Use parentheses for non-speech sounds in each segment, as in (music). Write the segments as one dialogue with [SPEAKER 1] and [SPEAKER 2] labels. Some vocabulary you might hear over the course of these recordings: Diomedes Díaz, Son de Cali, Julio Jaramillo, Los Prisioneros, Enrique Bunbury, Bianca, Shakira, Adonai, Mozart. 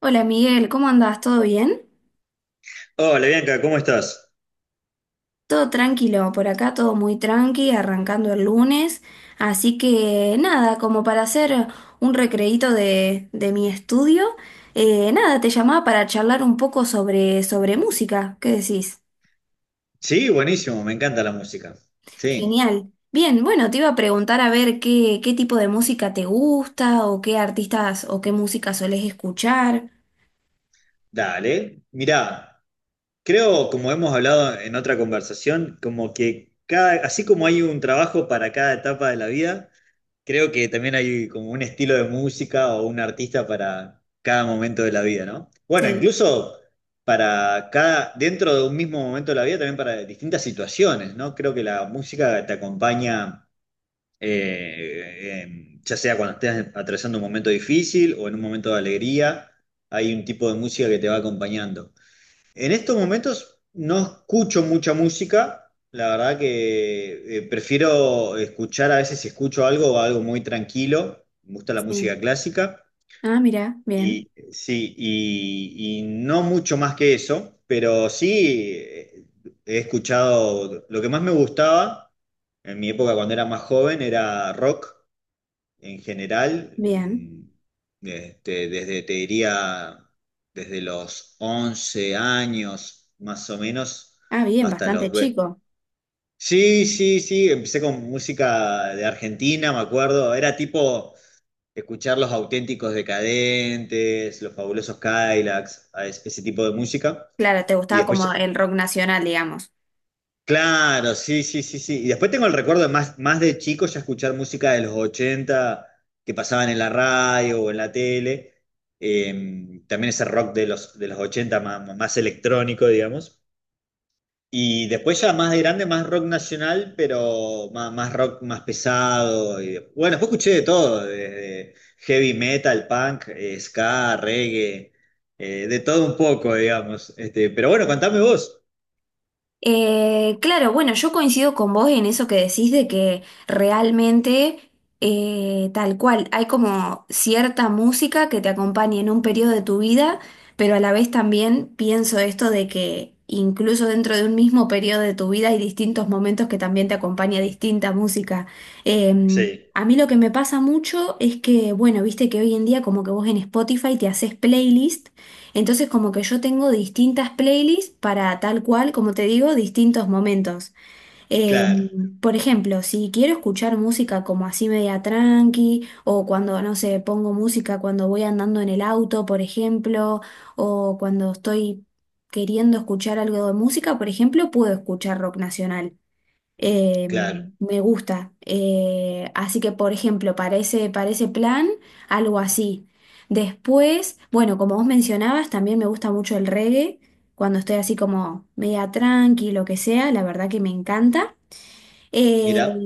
[SPEAKER 1] Hola Miguel, ¿cómo andás? ¿Todo bien?
[SPEAKER 2] Hola Bianca, ¿cómo estás?
[SPEAKER 1] Todo tranquilo, por acá todo muy tranqui, arrancando el lunes. Así que nada, como para hacer un recreíto de mi estudio, nada, te llamaba para charlar un poco sobre música. ¿Qué decís?
[SPEAKER 2] Sí, buenísimo, me encanta la música. Sí,
[SPEAKER 1] Genial. Bien, bueno, te iba a preguntar a ver qué tipo de música te gusta o qué artistas o qué música solés escuchar.
[SPEAKER 2] dale. Mirá, creo, como hemos hablado en otra conversación, como que cada, así como hay un trabajo para cada etapa de la vida, creo que también hay como un estilo de música o un artista para cada momento de la vida, ¿no? Bueno,
[SPEAKER 1] Sí,
[SPEAKER 2] incluso para cada, dentro de un mismo momento de la vida, también para distintas situaciones, ¿no? Creo que la música te acompaña ya sea cuando estés atravesando un momento difícil o en un momento de alegría, hay un tipo de música que te va acompañando. En estos momentos no escucho mucha música, la verdad que prefiero escuchar a veces si escucho algo, algo muy tranquilo, me gusta la música
[SPEAKER 1] sí.
[SPEAKER 2] clásica.
[SPEAKER 1] Ah, mira, bien,
[SPEAKER 2] Y sí, y no mucho más que eso, pero sí he escuchado, lo que más me gustaba en mi época cuando era más joven era rock, en general,
[SPEAKER 1] bien.
[SPEAKER 2] este, desde, te diría, desde los 11 años más o menos
[SPEAKER 1] Ah, bien,
[SPEAKER 2] hasta los...
[SPEAKER 1] bastante
[SPEAKER 2] ve-
[SPEAKER 1] chico.
[SPEAKER 2] Sí, sí, sí, empecé con música de Argentina, me acuerdo, era tipo escuchar los auténticos decadentes, los fabulosos Cadillacs, ese tipo de música.
[SPEAKER 1] Claro, te
[SPEAKER 2] Y
[SPEAKER 1] gustaba como
[SPEAKER 2] después.
[SPEAKER 1] el rock nacional, digamos.
[SPEAKER 2] Claro, sí, sí, sí, sí. Y después tengo el recuerdo de más, más de chico ya escuchar música de los 80 que pasaban en la radio o en la tele. También ese rock de los 80 más, más electrónico, digamos. Y después ya más de grande, más rock nacional, pero más, más rock más pesado. Y, bueno, después escuché de todo, desde heavy metal, punk, ska, reggae, de todo un poco, digamos. Este, pero bueno, contame vos.
[SPEAKER 1] Claro, bueno, yo coincido con vos en eso que decís de que realmente, tal cual, hay como cierta música que te acompaña en un periodo de tu vida, pero a la vez también pienso esto de que incluso dentro de un mismo periodo de tu vida hay distintos momentos que también te acompaña distinta música.
[SPEAKER 2] Sí,
[SPEAKER 1] A mí lo que me pasa mucho es que, bueno, viste que hoy en día como que vos en Spotify te haces playlist. Entonces como que yo tengo distintas playlists para tal cual, como te digo, distintos momentos. Eh,
[SPEAKER 2] claro,
[SPEAKER 1] por ejemplo, si quiero escuchar música como así media tranqui, o cuando, no sé, pongo música cuando voy andando en el auto, por ejemplo, o cuando estoy queriendo escuchar algo de música, por ejemplo, puedo escuchar rock nacional. Eh,
[SPEAKER 2] claro.
[SPEAKER 1] Me gusta. Así que, por ejemplo, para ese plan, algo así. Después, bueno, como vos mencionabas, también me gusta mucho el reggae. Cuando estoy así como media tranqui, lo que sea, la verdad que me encanta. Eh,
[SPEAKER 2] Mira,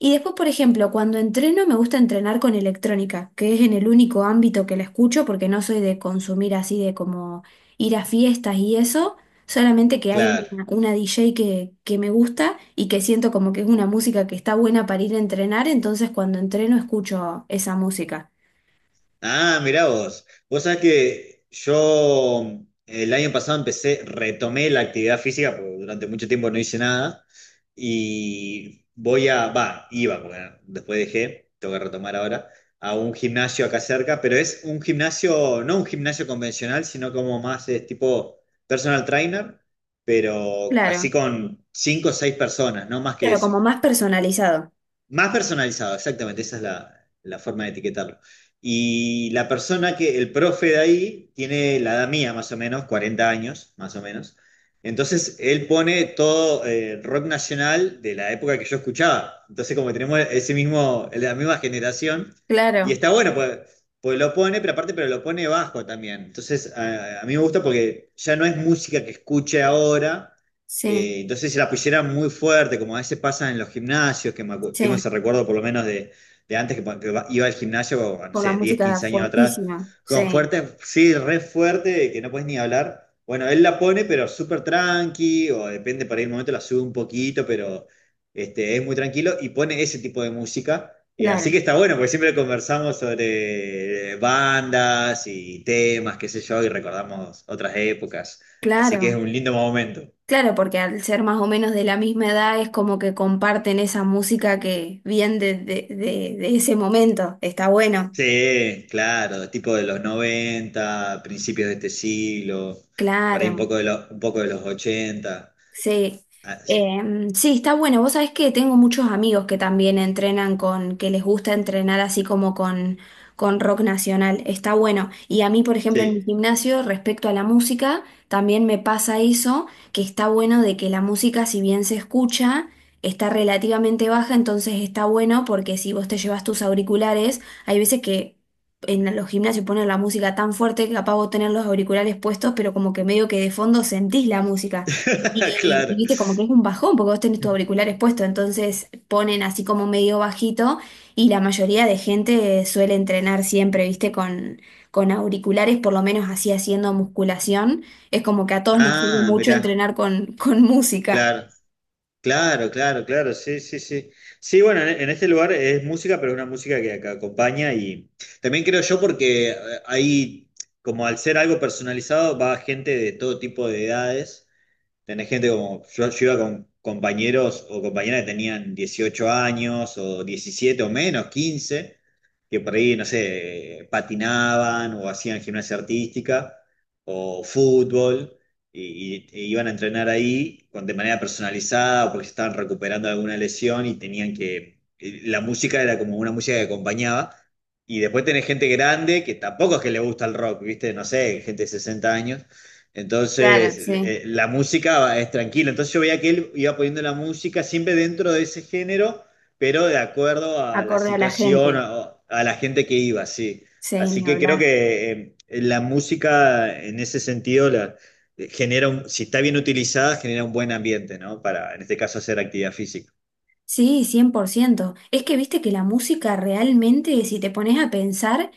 [SPEAKER 1] y después, por ejemplo, cuando entreno me gusta entrenar con electrónica, que es en el único ámbito que la escucho porque no soy de consumir así de como ir a fiestas y eso, solamente que hay
[SPEAKER 2] claro.
[SPEAKER 1] una DJ que me gusta y que siento como que es una música que está buena para ir a entrenar, entonces cuando entreno escucho esa música.
[SPEAKER 2] Ah, mira vos. Vos sabés que yo el año pasado empecé, retomé la actividad física, porque durante mucho tiempo no hice nada, y iba, porque después dejé, tengo que retomar ahora, a un gimnasio acá cerca, pero es un gimnasio, no un gimnasio convencional, sino como más es tipo personal trainer, pero así
[SPEAKER 1] Claro,
[SPEAKER 2] con cinco o seis personas, no más que
[SPEAKER 1] claro,
[SPEAKER 2] eso.
[SPEAKER 1] como más personalizado.
[SPEAKER 2] Más personalizado, exactamente, esa es la forma de etiquetarlo. Y la persona que, el profe de ahí, tiene la edad mía, más o menos, 40 años, más o menos. Entonces, él pone todo rock nacional de la época que yo escuchaba. Entonces, como que tenemos ese mismo, la misma generación, y
[SPEAKER 1] Claro,
[SPEAKER 2] está bueno, pues lo pone, pero aparte, pero lo pone bajo también. Entonces, a mí me gusta porque ya no es música que escuche ahora
[SPEAKER 1] sí,
[SPEAKER 2] entonces se la pusieran muy fuerte, como a veces pasa en los gimnasios, que tengo
[SPEAKER 1] sí,
[SPEAKER 2] ese recuerdo por lo menos de antes que, iba al gimnasio, no
[SPEAKER 1] con la
[SPEAKER 2] sé, 10,
[SPEAKER 1] música
[SPEAKER 2] 15 años atrás,
[SPEAKER 1] fortísima,
[SPEAKER 2] con
[SPEAKER 1] sí,
[SPEAKER 2] fuerte, sí, re fuerte, que no puedes ni hablar. Bueno, él la pone, pero súper tranqui, o depende, para el momento la sube un poquito, pero este, es muy tranquilo y pone ese tipo de música. Así que
[SPEAKER 1] claro,
[SPEAKER 2] está bueno, porque siempre conversamos sobre bandas y temas, qué sé yo, y recordamos otras épocas. Así que es
[SPEAKER 1] claro.
[SPEAKER 2] un lindo momento.
[SPEAKER 1] Claro, porque al ser más o menos de la misma edad es como que comparten esa música que viene de ese momento. Está bueno.
[SPEAKER 2] Sí, claro, tipo de los 90, principios de este siglo, por ahí un
[SPEAKER 1] Claro.
[SPEAKER 2] poco un poco de los ochenta.
[SPEAKER 1] Sí.
[SPEAKER 2] Ah, sí,
[SPEAKER 1] Sí, está bueno. Vos sabés que tengo muchos amigos que también entrenan con, que les gusta entrenar así con rock nacional. Está bueno. Y a mí, por ejemplo, en mi
[SPEAKER 2] sí.
[SPEAKER 1] gimnasio, respecto a la música, también me pasa eso, que está bueno de que la música, si bien se escucha, está relativamente baja, entonces está bueno porque si vos te llevas tus auriculares, hay veces que en los gimnasios ponen la música tan fuerte que capaz vos tenés los auriculares puestos, pero como que medio que de fondo sentís la música.
[SPEAKER 2] (laughs)
[SPEAKER 1] Y
[SPEAKER 2] Claro.
[SPEAKER 1] viste, como que es un bajón, porque vos tenés tus auriculares puestos, entonces ponen así como medio bajito y la mayoría de gente suele entrenar siempre, viste, con auriculares, por lo menos así haciendo musculación. Es como que a todos nos sirve
[SPEAKER 2] Ah,
[SPEAKER 1] mucho
[SPEAKER 2] mirá,
[SPEAKER 1] entrenar con música.
[SPEAKER 2] claro, claro, claro, claro, sí, sí, sí. Sí, bueno, en este lugar es música, pero es una música que acompaña y también creo yo porque ahí, como al ser algo personalizado, va gente de todo tipo de edades. Tenés gente como, yo iba con compañeros o compañeras que tenían 18 años o 17 o menos, 15, que por ahí, no sé, patinaban o hacían gimnasia artística o fútbol y, e iban a entrenar ahí con, de manera personalizada o porque se estaban recuperando de alguna lesión y tenían que, y la música era como una música que acompañaba. Y después tenés gente grande que tampoco es que le gusta el rock, ¿viste? No sé, gente de 60 años,
[SPEAKER 1] Claro,
[SPEAKER 2] entonces,
[SPEAKER 1] sí,
[SPEAKER 2] la música es tranquila. Entonces yo veía que él iba poniendo la música siempre dentro de ese género, pero de acuerdo a la
[SPEAKER 1] acorde a la
[SPEAKER 2] situación,
[SPEAKER 1] gente.
[SPEAKER 2] a la gente que iba, sí.
[SPEAKER 1] Sí,
[SPEAKER 2] Así
[SPEAKER 1] ni
[SPEAKER 2] que creo
[SPEAKER 1] hablar.
[SPEAKER 2] que la música en ese sentido si está bien utilizada, genera un buen ambiente, ¿no? Para, en este caso, hacer actividad física.
[SPEAKER 1] Sí, cien por ciento. Es que viste que la música realmente, si te pones a pensar,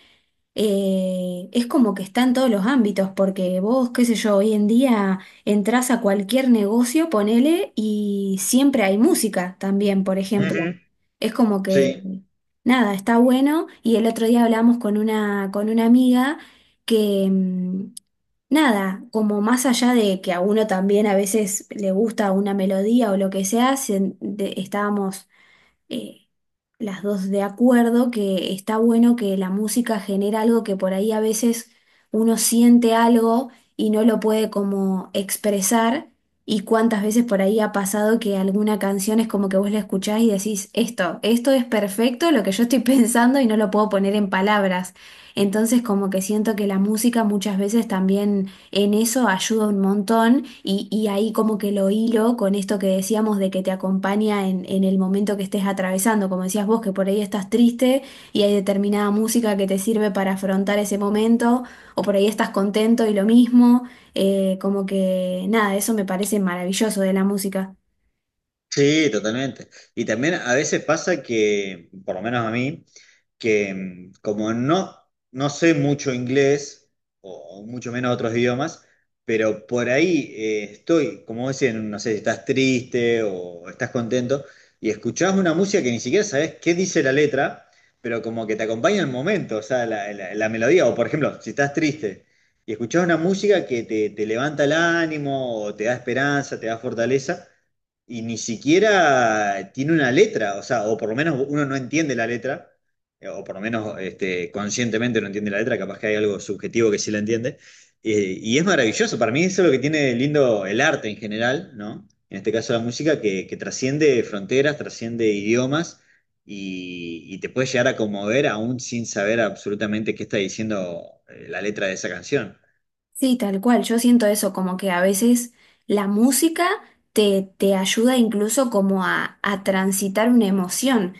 [SPEAKER 1] es como que está en todos los ámbitos, porque vos, qué sé yo, hoy en día entras a cualquier negocio, ponele, y siempre hay música también, por ejemplo.
[SPEAKER 2] Ujú.
[SPEAKER 1] Es como
[SPEAKER 2] Sí.
[SPEAKER 1] que, nada, está bueno. Y el otro día hablamos con con una amiga que, mm, nada, como más allá de que a uno también a veces le gusta una melodía o lo que sea, estábamos eh, las dos de acuerdo que está bueno que la música genera algo que por ahí a veces uno siente algo y no lo puede como expresar. Y cuántas veces por ahí ha pasado que alguna canción es como que vos la escuchás y decís, esto es perfecto, lo que yo estoy (laughs) pensando y no lo puedo poner en palabras. Entonces como que siento que la música muchas veces también en eso ayuda un montón y ahí como que lo hilo con esto que decíamos de que te acompaña en el momento que estés atravesando, como decías vos, que por ahí estás triste y hay determinada música que te sirve para afrontar ese momento, o por ahí estás contento y lo mismo, como que nada, eso me parece maravilloso de la música.
[SPEAKER 2] Sí, totalmente. Y también a veces pasa que, por lo menos a mí, que como no, no sé mucho inglés, o mucho menos otros idiomas, pero por ahí estoy, como dicen, no sé si estás triste o estás contento, y escuchás una música que ni siquiera sabes qué dice la letra, pero como que te acompaña el momento, o sea, la, la melodía, o por ejemplo, si estás triste y escuchás una música que te levanta el ánimo, o te da esperanza, te da fortaleza y ni siquiera tiene una letra, o sea, o por lo menos uno no entiende la letra, o por lo menos este, conscientemente no entiende la letra, capaz que hay algo subjetivo que sí la entiende, y es maravilloso, para mí eso es lo que tiene lindo el arte en general, ¿no? En este caso la música, que trasciende fronteras, trasciende idiomas, y, te puede llegar a conmover aún sin saber absolutamente qué está diciendo la letra de esa canción.
[SPEAKER 1] Sí, tal cual. Yo siento eso, como que a veces la música te ayuda incluso como a transitar una emoción,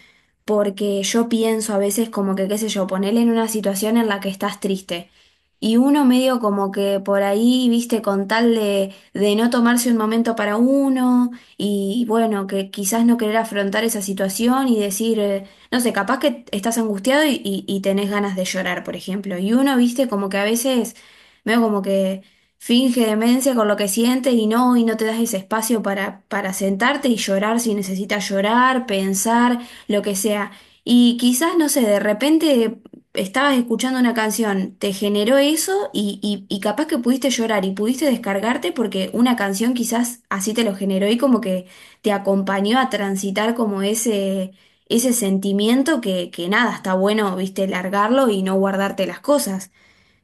[SPEAKER 1] porque yo pienso a veces como que, qué sé yo, ponerle en una situación en la que estás triste. Y uno medio como que por ahí, viste, con tal de no tomarse un momento para uno y bueno, que quizás no querer afrontar esa situación y decir, no sé, capaz que estás angustiado y tenés ganas de llorar, por ejemplo. Y uno, viste, como que a veces medio como que finge demencia con lo que siente y no te das ese espacio para sentarte y llorar si necesitas llorar, pensar, lo que sea. Y quizás, no sé, de repente estabas escuchando una canción, te generó eso y capaz que pudiste llorar y pudiste descargarte porque una canción quizás así te lo generó y como que te acompañó a transitar como ese sentimiento que nada, está bueno, viste, largarlo y no guardarte las cosas.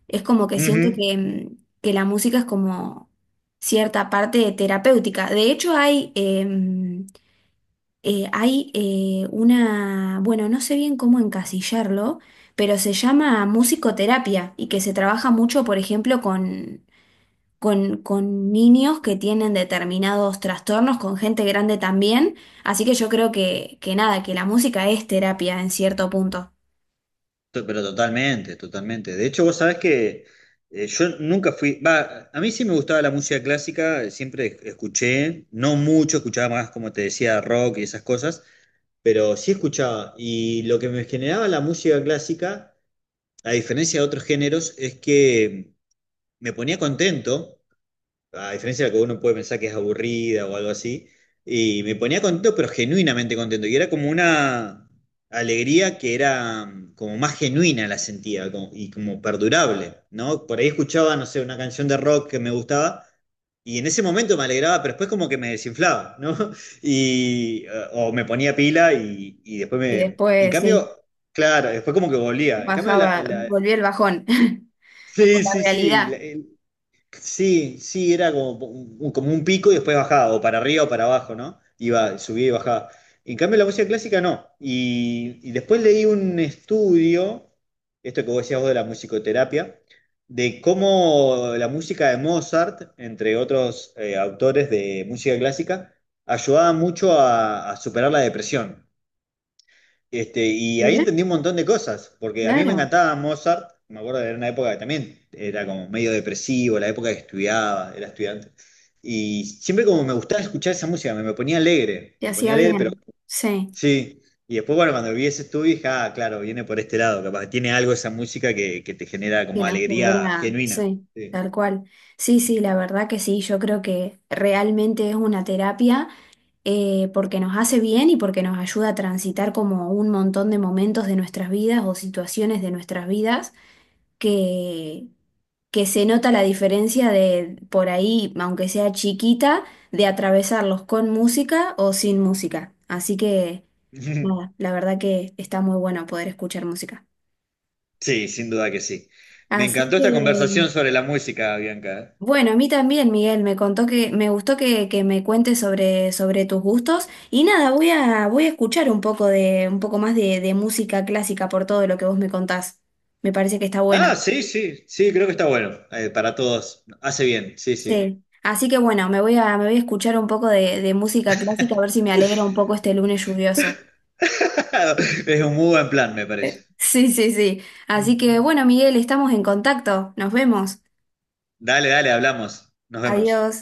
[SPEAKER 1] Es como que siento
[SPEAKER 2] Ujú.
[SPEAKER 1] que, que la música es como cierta parte terapéutica. De hecho, hay una, bueno, no sé bien cómo encasillarlo, pero se llama musicoterapia y que se trabaja mucho, por ejemplo, con niños que tienen determinados trastornos, con gente grande también. Así que yo creo que nada, que la música es terapia en cierto punto.
[SPEAKER 2] Pero totalmente, totalmente. De hecho, vos sabés que yo nunca fui, va, a mí sí me gustaba la música clásica, siempre escuché, no mucho, escuchaba más, como te decía, rock y esas cosas, pero sí escuchaba. Y lo que me generaba la música clásica, a diferencia de otros géneros, es que me ponía contento a diferencia de lo que uno puede pensar que es aburrida o algo así, y me ponía contento, pero genuinamente contento, y era como una alegría que era como más genuina la sentía y como perdurable, ¿no? Por ahí escuchaba, no sé, una canción de rock que me gustaba. Y en ese momento me alegraba, pero después como que me desinflaba, ¿no? (laughs) Y, o me ponía pila y después.
[SPEAKER 1] Y
[SPEAKER 2] En
[SPEAKER 1] después, sí,
[SPEAKER 2] cambio, claro, después como que volvía. En cambio, la,
[SPEAKER 1] bajaba,
[SPEAKER 2] la-
[SPEAKER 1] volvió el bajón. (laughs) Con
[SPEAKER 2] Sí,
[SPEAKER 1] la
[SPEAKER 2] sí, sí. La.
[SPEAKER 1] realidad.
[SPEAKER 2] Sí, sí, era como un, pico y después bajaba, o para arriba o para abajo, ¿no? Iba, subía y bajaba. En cambio, la música clásica no. Y, después leí un estudio, esto que vos decías vos de la musicoterapia, de cómo la música de Mozart, entre otros autores de música clásica, ayudaba mucho a superar la depresión. Este, y ahí
[SPEAKER 1] Mira,
[SPEAKER 2] entendí un montón de cosas, porque a mí me
[SPEAKER 1] claro,
[SPEAKER 2] encantaba Mozart, me acuerdo de una época que también era como medio depresivo, la época que estudiaba, era estudiante, y siempre como me gustaba escuchar esa música,
[SPEAKER 1] te
[SPEAKER 2] me ponía
[SPEAKER 1] hacía
[SPEAKER 2] alegre, pero
[SPEAKER 1] bien. Sí,
[SPEAKER 2] sí, y después bueno, cuando vi ese estudio dije, ah, claro, viene por este lado, capaz, tiene algo esa música que te genera
[SPEAKER 1] que
[SPEAKER 2] como
[SPEAKER 1] nos
[SPEAKER 2] alegría
[SPEAKER 1] genera,
[SPEAKER 2] genuina.
[SPEAKER 1] sí,
[SPEAKER 2] Sí.
[SPEAKER 1] tal cual. Sí, sí, la verdad que sí, yo creo que realmente es una terapia porque nos hace bien y porque nos ayuda a transitar como un montón de momentos de nuestras vidas o situaciones de nuestras vidas que que se nota la diferencia de por ahí, aunque sea chiquita, de atravesarlos con música o sin música. Así que, nada,
[SPEAKER 2] (laughs)
[SPEAKER 1] la verdad que está muy bueno poder escuchar música.
[SPEAKER 2] Sí, sin duda que sí. Me
[SPEAKER 1] Así
[SPEAKER 2] encantó
[SPEAKER 1] que,
[SPEAKER 2] esta conversación sobre la música, Bianca. ¿Eh?
[SPEAKER 1] bueno, a mí también, Miguel, me contó que me gustó que me cuentes sobre tus gustos. Y nada, voy a escuchar un poco de, un poco más de música clásica por todo lo que vos me contás. Me parece que está
[SPEAKER 2] Ah,
[SPEAKER 1] bueno.
[SPEAKER 2] sí, sí, sí, creo que está bueno. Para todos. Hace bien, sí, sí.
[SPEAKER 1] Sí. Así que bueno, me voy a escuchar un poco de música clásica a ver si me alegra un poco este lunes lluvioso.
[SPEAKER 2] (laughs) Es un muy buen plan, me parece.
[SPEAKER 1] (laughs) Sí, sí, sí. Así que bueno, Miguel, estamos en contacto. Nos vemos.
[SPEAKER 2] Dale, dale, hablamos. Nos vemos.
[SPEAKER 1] Adiós.